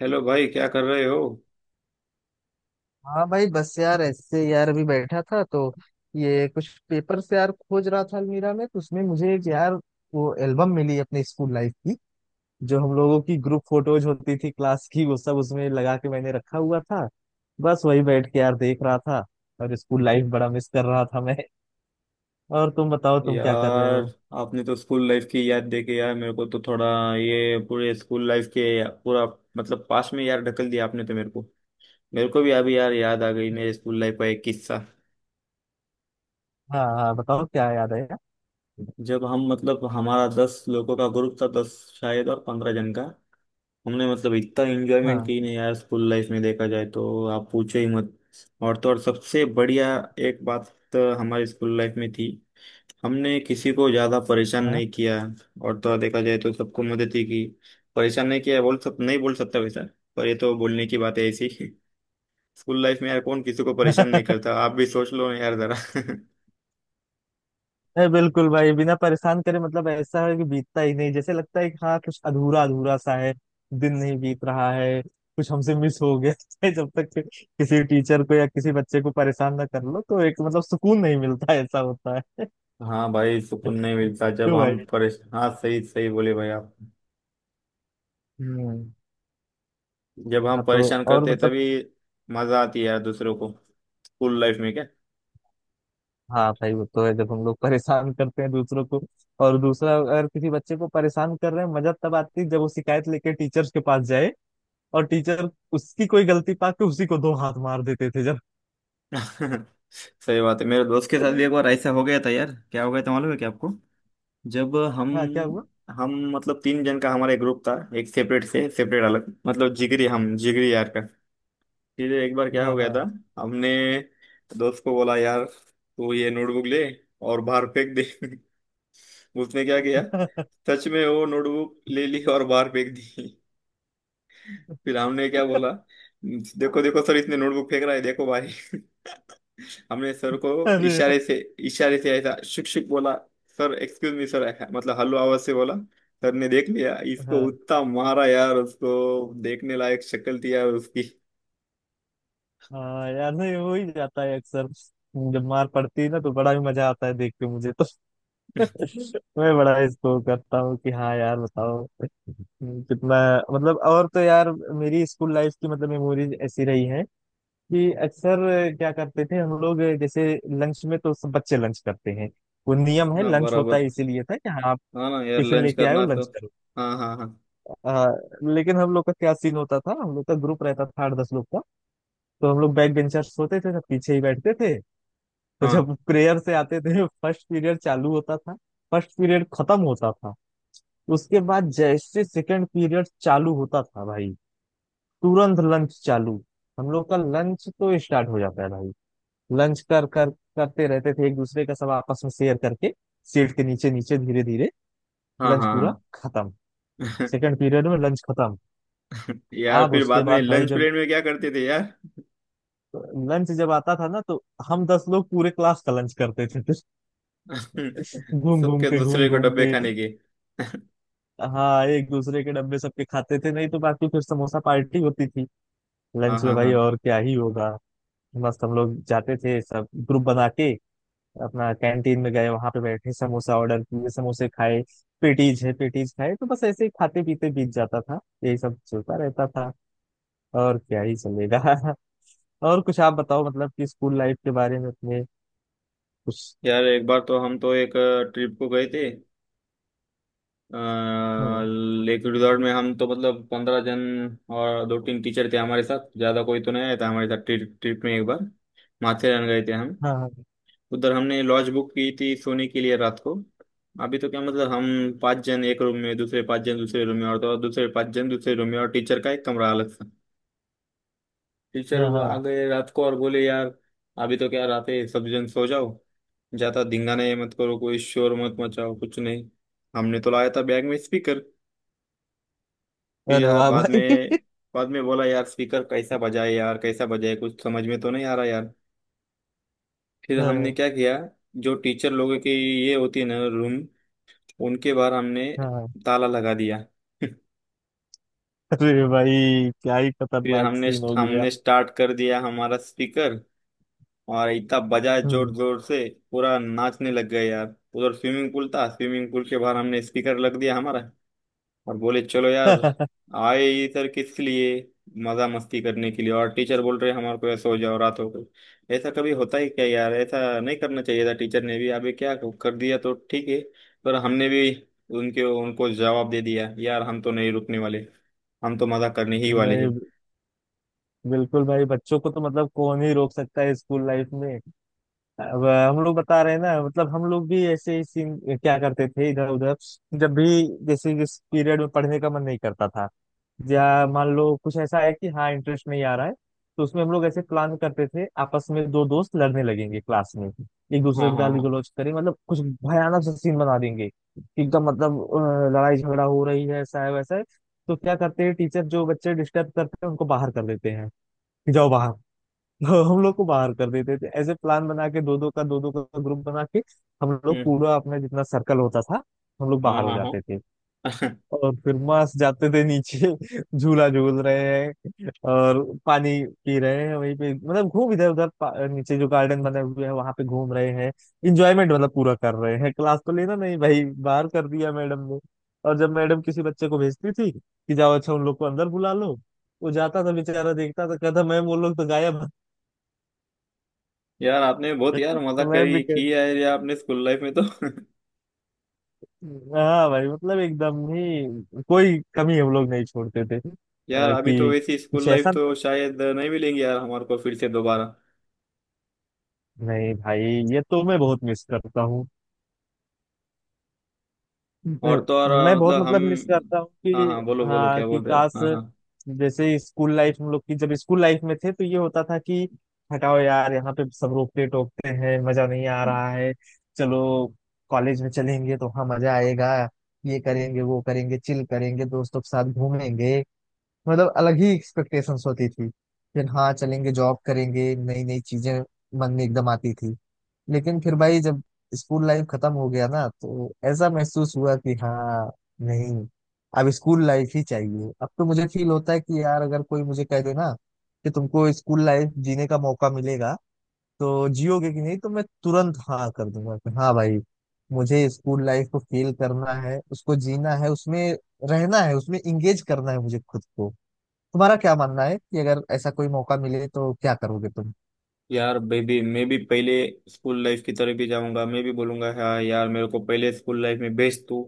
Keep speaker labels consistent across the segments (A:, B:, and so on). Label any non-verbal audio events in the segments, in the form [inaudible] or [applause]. A: Hello भाई, क्या कर रहे हो।
B: हाँ भाई बस यार, ऐसे यार अभी बैठा था तो ये कुछ पेपर से यार खोज रहा था अलमीरा में, तो उसमें मुझे एक यार वो एल्बम मिली अपने स्कूल लाइफ की। जो हम लोगों की ग्रुप फोटोज होती थी क्लास की, वो सब उसमें लगा के मैंने रखा हुआ था। बस वही बैठ के यार देख रहा था, और स्कूल लाइफ बड़ा मिस कर रहा था मैं। [laughs] और तुम बताओ, तुम क्या कर रहे
A: यार
B: हो?
A: आपने तो स्कूल लाइफ की याद दे के यार मेरे को तो थोड़ा, ये पूरे स्कूल लाइफ के पूरा, मतलब पास में यार ढकल दिया आपने तो मेरे को। मेरे को भी अभी यार याद आ गई मेरे स्कूल लाइफ का एक किस्सा।
B: हाँ हाँ, बताओ क्या याद है यार?
A: जब हम मतलब हमारा 10 लोगों का ग्रुप था, 10 शायद, और 15 जन का, हमने मतलब इतना एंजॉयमेंट
B: हाँ
A: की ना यार स्कूल लाइफ में, देखा जाए तो आप पूछो ही मत। और तो और सबसे बढ़िया एक बात तो हमारी स्कूल लाइफ में थी, हमने किसी को ज्यादा परेशान नहीं किया। और तो और देखा जाए तो सबको मदद ही की। परेशान नहीं किया बोल सब नहीं बोल सकता वैसा, पर ये तो बोलने की बात है ऐसी। [laughs] स्कूल लाइफ में यार कौन किसी को परेशान
B: हाँ।
A: नहीं
B: [laughs]
A: करता, आप भी सोच लो यार जरा। [laughs]
B: नहीं बिल्कुल भाई, बिना परेशान करे मतलब ऐसा है कि बीतता ही नहीं, जैसे लगता है कि हाँ कुछ अधूरा अधूरा सा है। दिन नहीं बीत रहा है, कुछ हमसे मिस हो गया [laughs] है। जब तक कि किसी टीचर को या किसी बच्चे को परेशान ना कर लो, तो एक मतलब सुकून नहीं मिलता, ऐसा होता है।
A: हाँ भाई, सुकून नहीं
B: [laughs]
A: मिलता जब
B: तो
A: हम
B: भाई।
A: परेश हाँ, सही सही बोले भाई आप।
B: हम्म।
A: जब हम
B: हाँ तो
A: परेशान
B: और
A: करते हैं
B: मतलब,
A: तभी मजा आती है यार दूसरों को, स्कूल लाइफ में क्या।
B: हाँ भाई वो तो है, जब हम लोग परेशान करते हैं दूसरों को। और दूसरा अगर किसी बच्चे को परेशान कर रहे हैं, मजा तब आती है जब वो शिकायत लेके टीचर्स के पास जाए, और टीचर उसकी कोई गलती पा के उसी को दो हाथ मार देते थे जब।
A: [laughs] सही बात है, मेरे दोस्त के साथ भी एक
B: [laughs]
A: बार ऐसा हो गया था यार। क्या हो गया था मालूम है क्या आपको? जब हम
B: हाँ क्या हुआ।
A: हम मतलब 3 जन का हमारा एक ग्रुप था, एक सेपरेट से सेपरेट अलग मतलब जिगरी, हम जिगरी यार का। फिर एक बार क्या
B: हाँ
A: हो गया
B: हाँ।
A: था, हमने दोस्त को बोला यार तू ये नोटबुक ले और बाहर फेंक दे। [laughs] उसने क्या किया,
B: [laughs]
A: सच में वो नोटबुक ले ली और बाहर फेंक दी। [laughs] फिर हमने क्या बोला, देखो देखो सर इसने नोटबुक फेंक रहा है देखो भाई। [laughs] हमने सर को
B: अरे।
A: इशारे से, इशारे से ऐसा शुक शुक बोला, सर एक्सक्यूज मी सर, ऐसा मतलब हल्लो आवाज से बोला। सर ने देख लिया इसको,
B: हाँ
A: उतना मारा यार उसको, देखने लायक शक्ल थी यार उसकी।
B: हाँ यार, नहीं हो ही जाता है अक्सर। जब मार पड़ती है ना तो बड़ा ही मजा आता है देख के मुझे तो। [laughs]
A: [laughs]
B: मैं बड़ा इसको करता हूँ कि हाँ यार बताओ कितना। मतलब और तो यार मेरी स्कूल लाइफ की मतलब मेमोरीज ऐसी रही हैं कि अक्सर क्या करते थे हम लोग, जैसे लंच में तो सब बच्चे लंच करते हैं, वो नियम है,
A: हाँ
B: लंच होता
A: बराबर,
B: है इसीलिए, था कि हाँ
A: हाँ ना यार
B: टिफिन
A: लंच
B: लेके आए हो
A: करना तो।
B: लंच करो।
A: हाँ हाँ हाँ।
B: हाँ। लेकिन हम लोग का क्या सीन होता था, हम लोग का ग्रुप रहता था 8-10 लोग का। तो हम लोग बैक बेंचर्स होते थे, सब पीछे ही बैठते थे, तो जब
A: हाँ
B: प्रेयर से आते थे [laughs] फर्स्ट पीरियड चालू होता था। फर्स्ट पीरियड खत्म होता था, उसके बाद जैसे सेकंड पीरियड चालू होता था भाई, तुरंत लंच चालू। हम लोग का लंच तो स्टार्ट हो जाता है भाई। लंच कर कर करते रहते थे एक दूसरे का, सब आपस में शेयर करके, सीट के नीचे नीचे, धीरे धीरे।
A: हाँ
B: लंच
A: हाँ
B: पूरा
A: हाँ।
B: खत्म, सेकंड पीरियड में लंच खत्म।
A: [laughs] यार
B: आप
A: फिर
B: उसके
A: बाद में
B: बाद भाई,
A: लंच
B: जब
A: पीरियड में क्या करते थे यार।
B: लंच जब आता था ना तो हम 10 लोग पूरे क्लास का लंच करते थे फिर। [laughs]
A: [laughs]
B: घूम घूम
A: सबके
B: के, घूम
A: दूसरे को
B: घूम
A: डब्बे
B: के।
A: खाने के।
B: हाँ एक दूसरे के डब्बे सबके खाते थे, नहीं तो बाकी फिर समोसा पार्टी होती थी
A: हाँ
B: लंच में
A: हाँ
B: भाई,
A: हाँ।
B: और क्या ही होगा। मस्त हम लोग जाते थे, सब ग्रुप बना के अपना, कैंटीन में गए, वहां पे बैठे, समोसा ऑर्डर किए, समोसे खाए। पेटीज है, पेटीज खाए, तो बस ऐसे ही खाते पीते बीत जाता था, यही सब चलता रहता था। और क्या ही चलेगा। [laughs] और कुछ आप बताओ, मतलब कि स्कूल लाइफ के बारे में अपने उस।
A: यार एक बार तो हम तो एक ट्रिप को गए थे,
B: हाँ।
A: लेक रिजॉर्ट में। हम तो मतलब 15 जन और 2 3 टीचर थे हमारे साथ, ज़्यादा कोई तो नहीं आया था हमारे साथ ट्रिप ट्रिप में। एक बार माथेरान गए थे हम,
B: हाँ
A: उधर हमने लॉज बुक की थी सोने के लिए रात को। अभी तो क्या मतलब हम 5 जन एक रूम में, दूसरे 5 जन दूसरे रूम में, और तो और दूसरे 5 जन दूसरे रूम में, और टीचर का एक कमरा अलग सा। टीचर
B: हाँ।
A: वो आ
B: हाँ।
A: गए रात को और बोले यार अभी तो क्या रात है, सब जन सो जाओ, ज़्यादा धिंगाना ये मत करो, कोई शोर मत मचाओ कुछ नहीं। हमने तो लाया था बैग में स्पीकर। फिर
B: अरे
A: यार
B: वाह
A: बाद में
B: भाई।
A: बाद में बोला यार स्पीकर कैसा बजाए यार कैसा बजाए, कुछ समझ में तो नहीं आ रहा यार। फिर
B: [laughs]
A: हमने
B: हाँ
A: क्या किया, जो टीचर लोगों की ये होती है ना रूम, उनके बाहर हमने
B: हाँ।
A: ताला लगा दिया। [laughs]
B: अरे भाई क्या ही
A: फिर
B: खतरनाक
A: हमने
B: सीन हो गया।
A: हमने स्टार्ट कर दिया हमारा स्पीकर और इतना बजाए जोर
B: हम्म।
A: जोर से, पूरा नाचने लग गए यार। उधर स्विमिंग पूल था, स्विमिंग पूल के बाहर हमने स्पीकर लग दिया हमारा, और बोले चलो यार
B: [laughs]
A: आए इधर किस लिए, मजा मस्ती करने के लिए। और टीचर बोल रहे हमारे को ऐसा हो जाओ, रात हो गई, ऐसा कभी होता ही क्या यार, ऐसा नहीं करना चाहिए था, टीचर ने भी अभी क्या कर दिया तो ठीक है, पर हमने भी उनके उनको जवाब दे दिया यार, हम तो नहीं रुकने वाले, हम तो मजा करने ही वाले हैं।
B: नहीं बिल्कुल भाई, बच्चों को तो मतलब कौन ही रोक सकता है स्कूल लाइफ में। अब हम लोग बता रहे हैं ना, मतलब हम लोग भी ऐसे ही सीन क्या करते थे इधर उधर। जब भी, जैसे जिस पीरियड में पढ़ने का मन नहीं करता था, या मान लो कुछ ऐसा है कि हाँ इंटरेस्ट नहीं आ रहा है, तो उसमें हम लोग ऐसे प्लान करते थे आपस में, दो दोस्त लड़ने लगेंगे क्लास में, एक दूसरे
A: हाँ
B: को
A: हाँ
B: गाली
A: हाँ।
B: गलौज करें, मतलब कुछ भयानक सा सीन बना देंगे कि एकदम मतलब लड़ाई झगड़ा हो रही है, ऐसा है वैसा है। तो क्या करते हैं टीचर, जो बच्चे डिस्टर्ब करते हैं उनको बाहर कर देते हैं कि जाओ बाहर। [laughs] तो हम लोग को बाहर कर देते थे, ऐसे प्लान बना के, दो दो का, दो दो का ग्रुप बना के, हम लोग
A: हम्म।
B: पूरा अपना जितना सर्कल होता था, हम लोग
A: हाँ
B: बाहर हो
A: हाँ
B: जाते थे।
A: हाँ। [laughs]
B: और फिर मस्त जाते थे नीचे। [laughs] झूला झूल रहे हैं और पानी पी रहे हैं वहीं पे, मतलब घूम इधर उधर नीचे जो गार्डन बने हुए हैं वहां पे घूम रहे हैं। इंजॉयमेंट मतलब पूरा कर रहे हैं, क्लास तो लेना नहीं भाई। बाहर कर दिया मैडम ने। और जब मैडम किसी बच्चे को भेजती थी कि जाओ अच्छा उन लोग को अंदर बुला लो, वो जाता था बेचारा, देखता था, कहता मैम वो लोग तो गायब हैं।"
A: यार आपने बहुत यार
B: [laughs]
A: मजा
B: तो मैम भी
A: करी की
B: कहती।
A: है यार आपने स्कूल लाइफ में तो।
B: हाँ भाई, मतलब एकदम ही कोई कमी हम लोग नहीं छोड़ते थे
A: [laughs] यार अभी तो
B: कि
A: वैसी स्कूल
B: कुछ
A: लाइफ
B: ऐसा।
A: तो शायद नहीं मिलेंगी यार हमारे को फिर से दोबारा।
B: नहीं भाई, ये तो मैं बहुत मिस करता हूँ। मैं
A: और तो और
B: मैं बहुत
A: मतलब हम।
B: मतलब मिस करता हूँ
A: हाँ
B: कि
A: हाँ, बोलो बोलो
B: हाँ
A: क्या
B: कि
A: बोल रहे हो आप,
B: काश।
A: हाँ हाँ।
B: जैसे स्कूल लाइफ हम लोग की, जब स्कूल लाइफ में थे तो ये होता था कि हटाओ यार, यहाँ पे सब रोकते टोकते हैं, मजा नहीं आ रहा है, चलो कॉलेज में चलेंगे तो वहाँ मजा आएगा, ये करेंगे वो करेंगे, चिल करेंगे, दोस्तों के साथ घूमेंगे, मतलब अलग ही एक्सपेक्टेशंस होती थी। फिर हाँ चलेंगे जॉब करेंगे, नई नई चीजें मन में एकदम आती थी। लेकिन फिर भाई जब स्कूल लाइफ खत्म हो गया ना तो ऐसा महसूस हुआ कि हाँ नहीं, अब स्कूल लाइफ ही चाहिए। अब तो मुझे फील होता है कि यार अगर कोई मुझे कह दे ना कि तुमको स्कूल लाइफ जीने का मौका मिलेगा तो जियोगे कि नहीं, तो मैं तुरंत हाँ कर दूंगा कि हाँ भाई, मुझे स्कूल लाइफ को फील करना है, उसको जीना है, उसमें रहना है, उसमें इंगेज करना है मुझे खुद को। तुम्हारा क्या मानना है कि अगर ऐसा कोई मौका मिले तो क्या करोगे तुम?
A: यार बेबी मैं भी पहले स्कूल लाइफ की तरफ ही जाऊंगा, मैं भी बोलूंगा हाँ यार मेरे को पहले स्कूल लाइफ में भेज तू।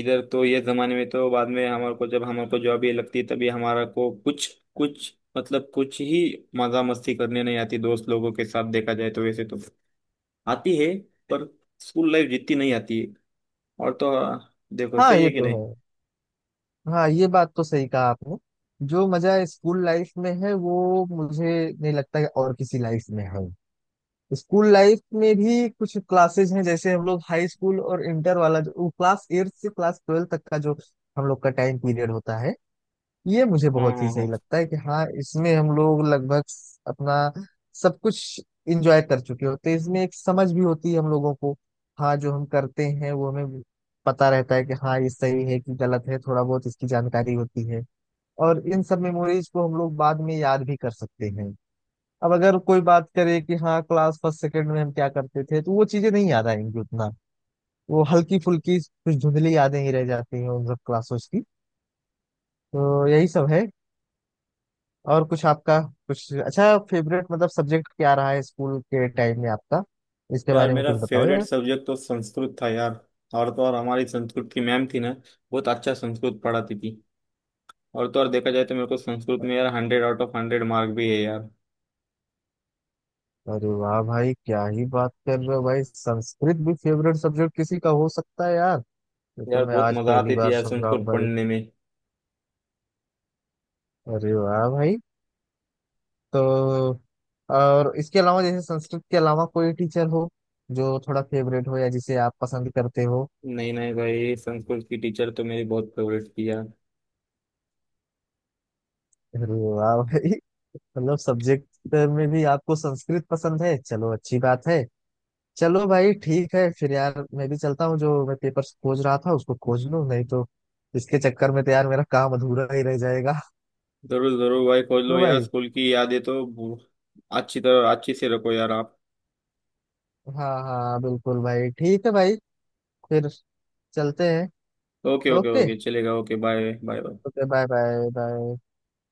A: इधर तो ये जमाने में तो बाद में हमारे को जब हमारे को जॉब ही लगती है तभी हमारा को कुछ, कुछ मतलब कुछ ही मजा मस्ती करने नहीं आती दोस्त लोगों के साथ, देखा जाए तो वैसे तो आती है, पर स्कूल लाइफ जितनी नहीं आती है। और तो हाँ, देखो
B: हाँ
A: सही है
B: ये
A: कि
B: तो
A: नहीं।
B: है। हाँ ये बात तो सही कहा आपने। जो मजा स्कूल लाइफ में है, वो मुझे नहीं लगता कि और किसी लाइफ में है। स्कूल लाइफ में भी कुछ क्लासेज हैं, जैसे हम लोग हाई स्कूल और इंटर वाला, जो क्लास 8 से क्लास 12 तक का जो हम लोग का टाइम पीरियड होता है, ये मुझे
A: हाँ
B: बहुत ही
A: हाँ
B: सही
A: हाँ।
B: लगता है कि हाँ इसमें हम लोग लगभग अपना सब कुछ इंजॉय कर चुके होते हैं, इसमें एक समझ भी होती है हम लोगों को। हाँ जो हम करते हैं वो हमें पता रहता है कि हाँ ये सही है कि गलत है, थोड़ा बहुत इसकी जानकारी होती है। और इन सब मेमोरीज को हम लोग बाद में याद भी कर सकते हैं। अब अगर कोई बात करे कि हाँ क्लास फर्स्ट सेकंड में हम क्या करते थे तो वो चीजें नहीं याद आएंगी उतना। वो हल्की फुल्की कुछ धुंधली यादें ही रह जाती हैं उन सब क्लासों की। तो यही सब है। और कुछ आपका, कुछ अच्छा फेवरेट मतलब सब्जेक्ट क्या रहा है स्कूल के टाइम में आपका, इसके
A: यार
B: बारे में
A: मेरा
B: कुछ बताओ
A: फेवरेट
B: यार।
A: सब्जेक्ट तो संस्कृत था यार। और तो और हमारी संस्कृत की मैम थी ना, बहुत अच्छा संस्कृत पढ़ाती थी। और तो और देखा जाए तो मेरे को संस्कृत में यार 100 आउट ऑफ 100 मार्क भी है यार।
B: अरे वाह भाई, क्या ही बात कर रहे हो भाई, संस्कृत भी फेवरेट सब्जेक्ट किसी का हो सकता है यार। ये तो
A: यार
B: मैं
A: बहुत
B: आज
A: मजा
B: पहली
A: आती थी
B: बार
A: यार
B: सुन रहा हूँ
A: संस्कृत
B: भाई।
A: पढ़ने में।
B: अरे वाह भाई। तो और इसके अलावा, जैसे संस्कृत के अलावा कोई टीचर हो जो थोड़ा फेवरेट हो या जिसे आप पसंद करते हो?
A: नहीं नहीं भाई संस्कृत की टीचर तो मेरी बहुत फेवरेट थी यार।
B: अरे वाह भाई, मतलब सब्जेक्ट में भी आपको संस्कृत पसंद है, चलो अच्छी बात है। चलो भाई ठीक है फिर, यार मैं भी चलता हूँ, जो मैं पेपर खोज रहा था उसको खोज लूँ, नहीं तो इसके चक्कर में तो यार मेरा काम अधूरा ही रह जाएगा।
A: जरूर जरूर भाई खोल
B: [laughs] क्यों
A: लो यार,
B: भाई।
A: स्कूल की यादें तो अच्छी तरह अच्छी से रखो यार आप।
B: हाँ हाँ बिल्कुल भाई, ठीक है भाई, फिर चलते हैं।
A: ओके ओके
B: ओके,
A: ओके चलेगा, okay bye bye bye.
B: Okay bye bye bye.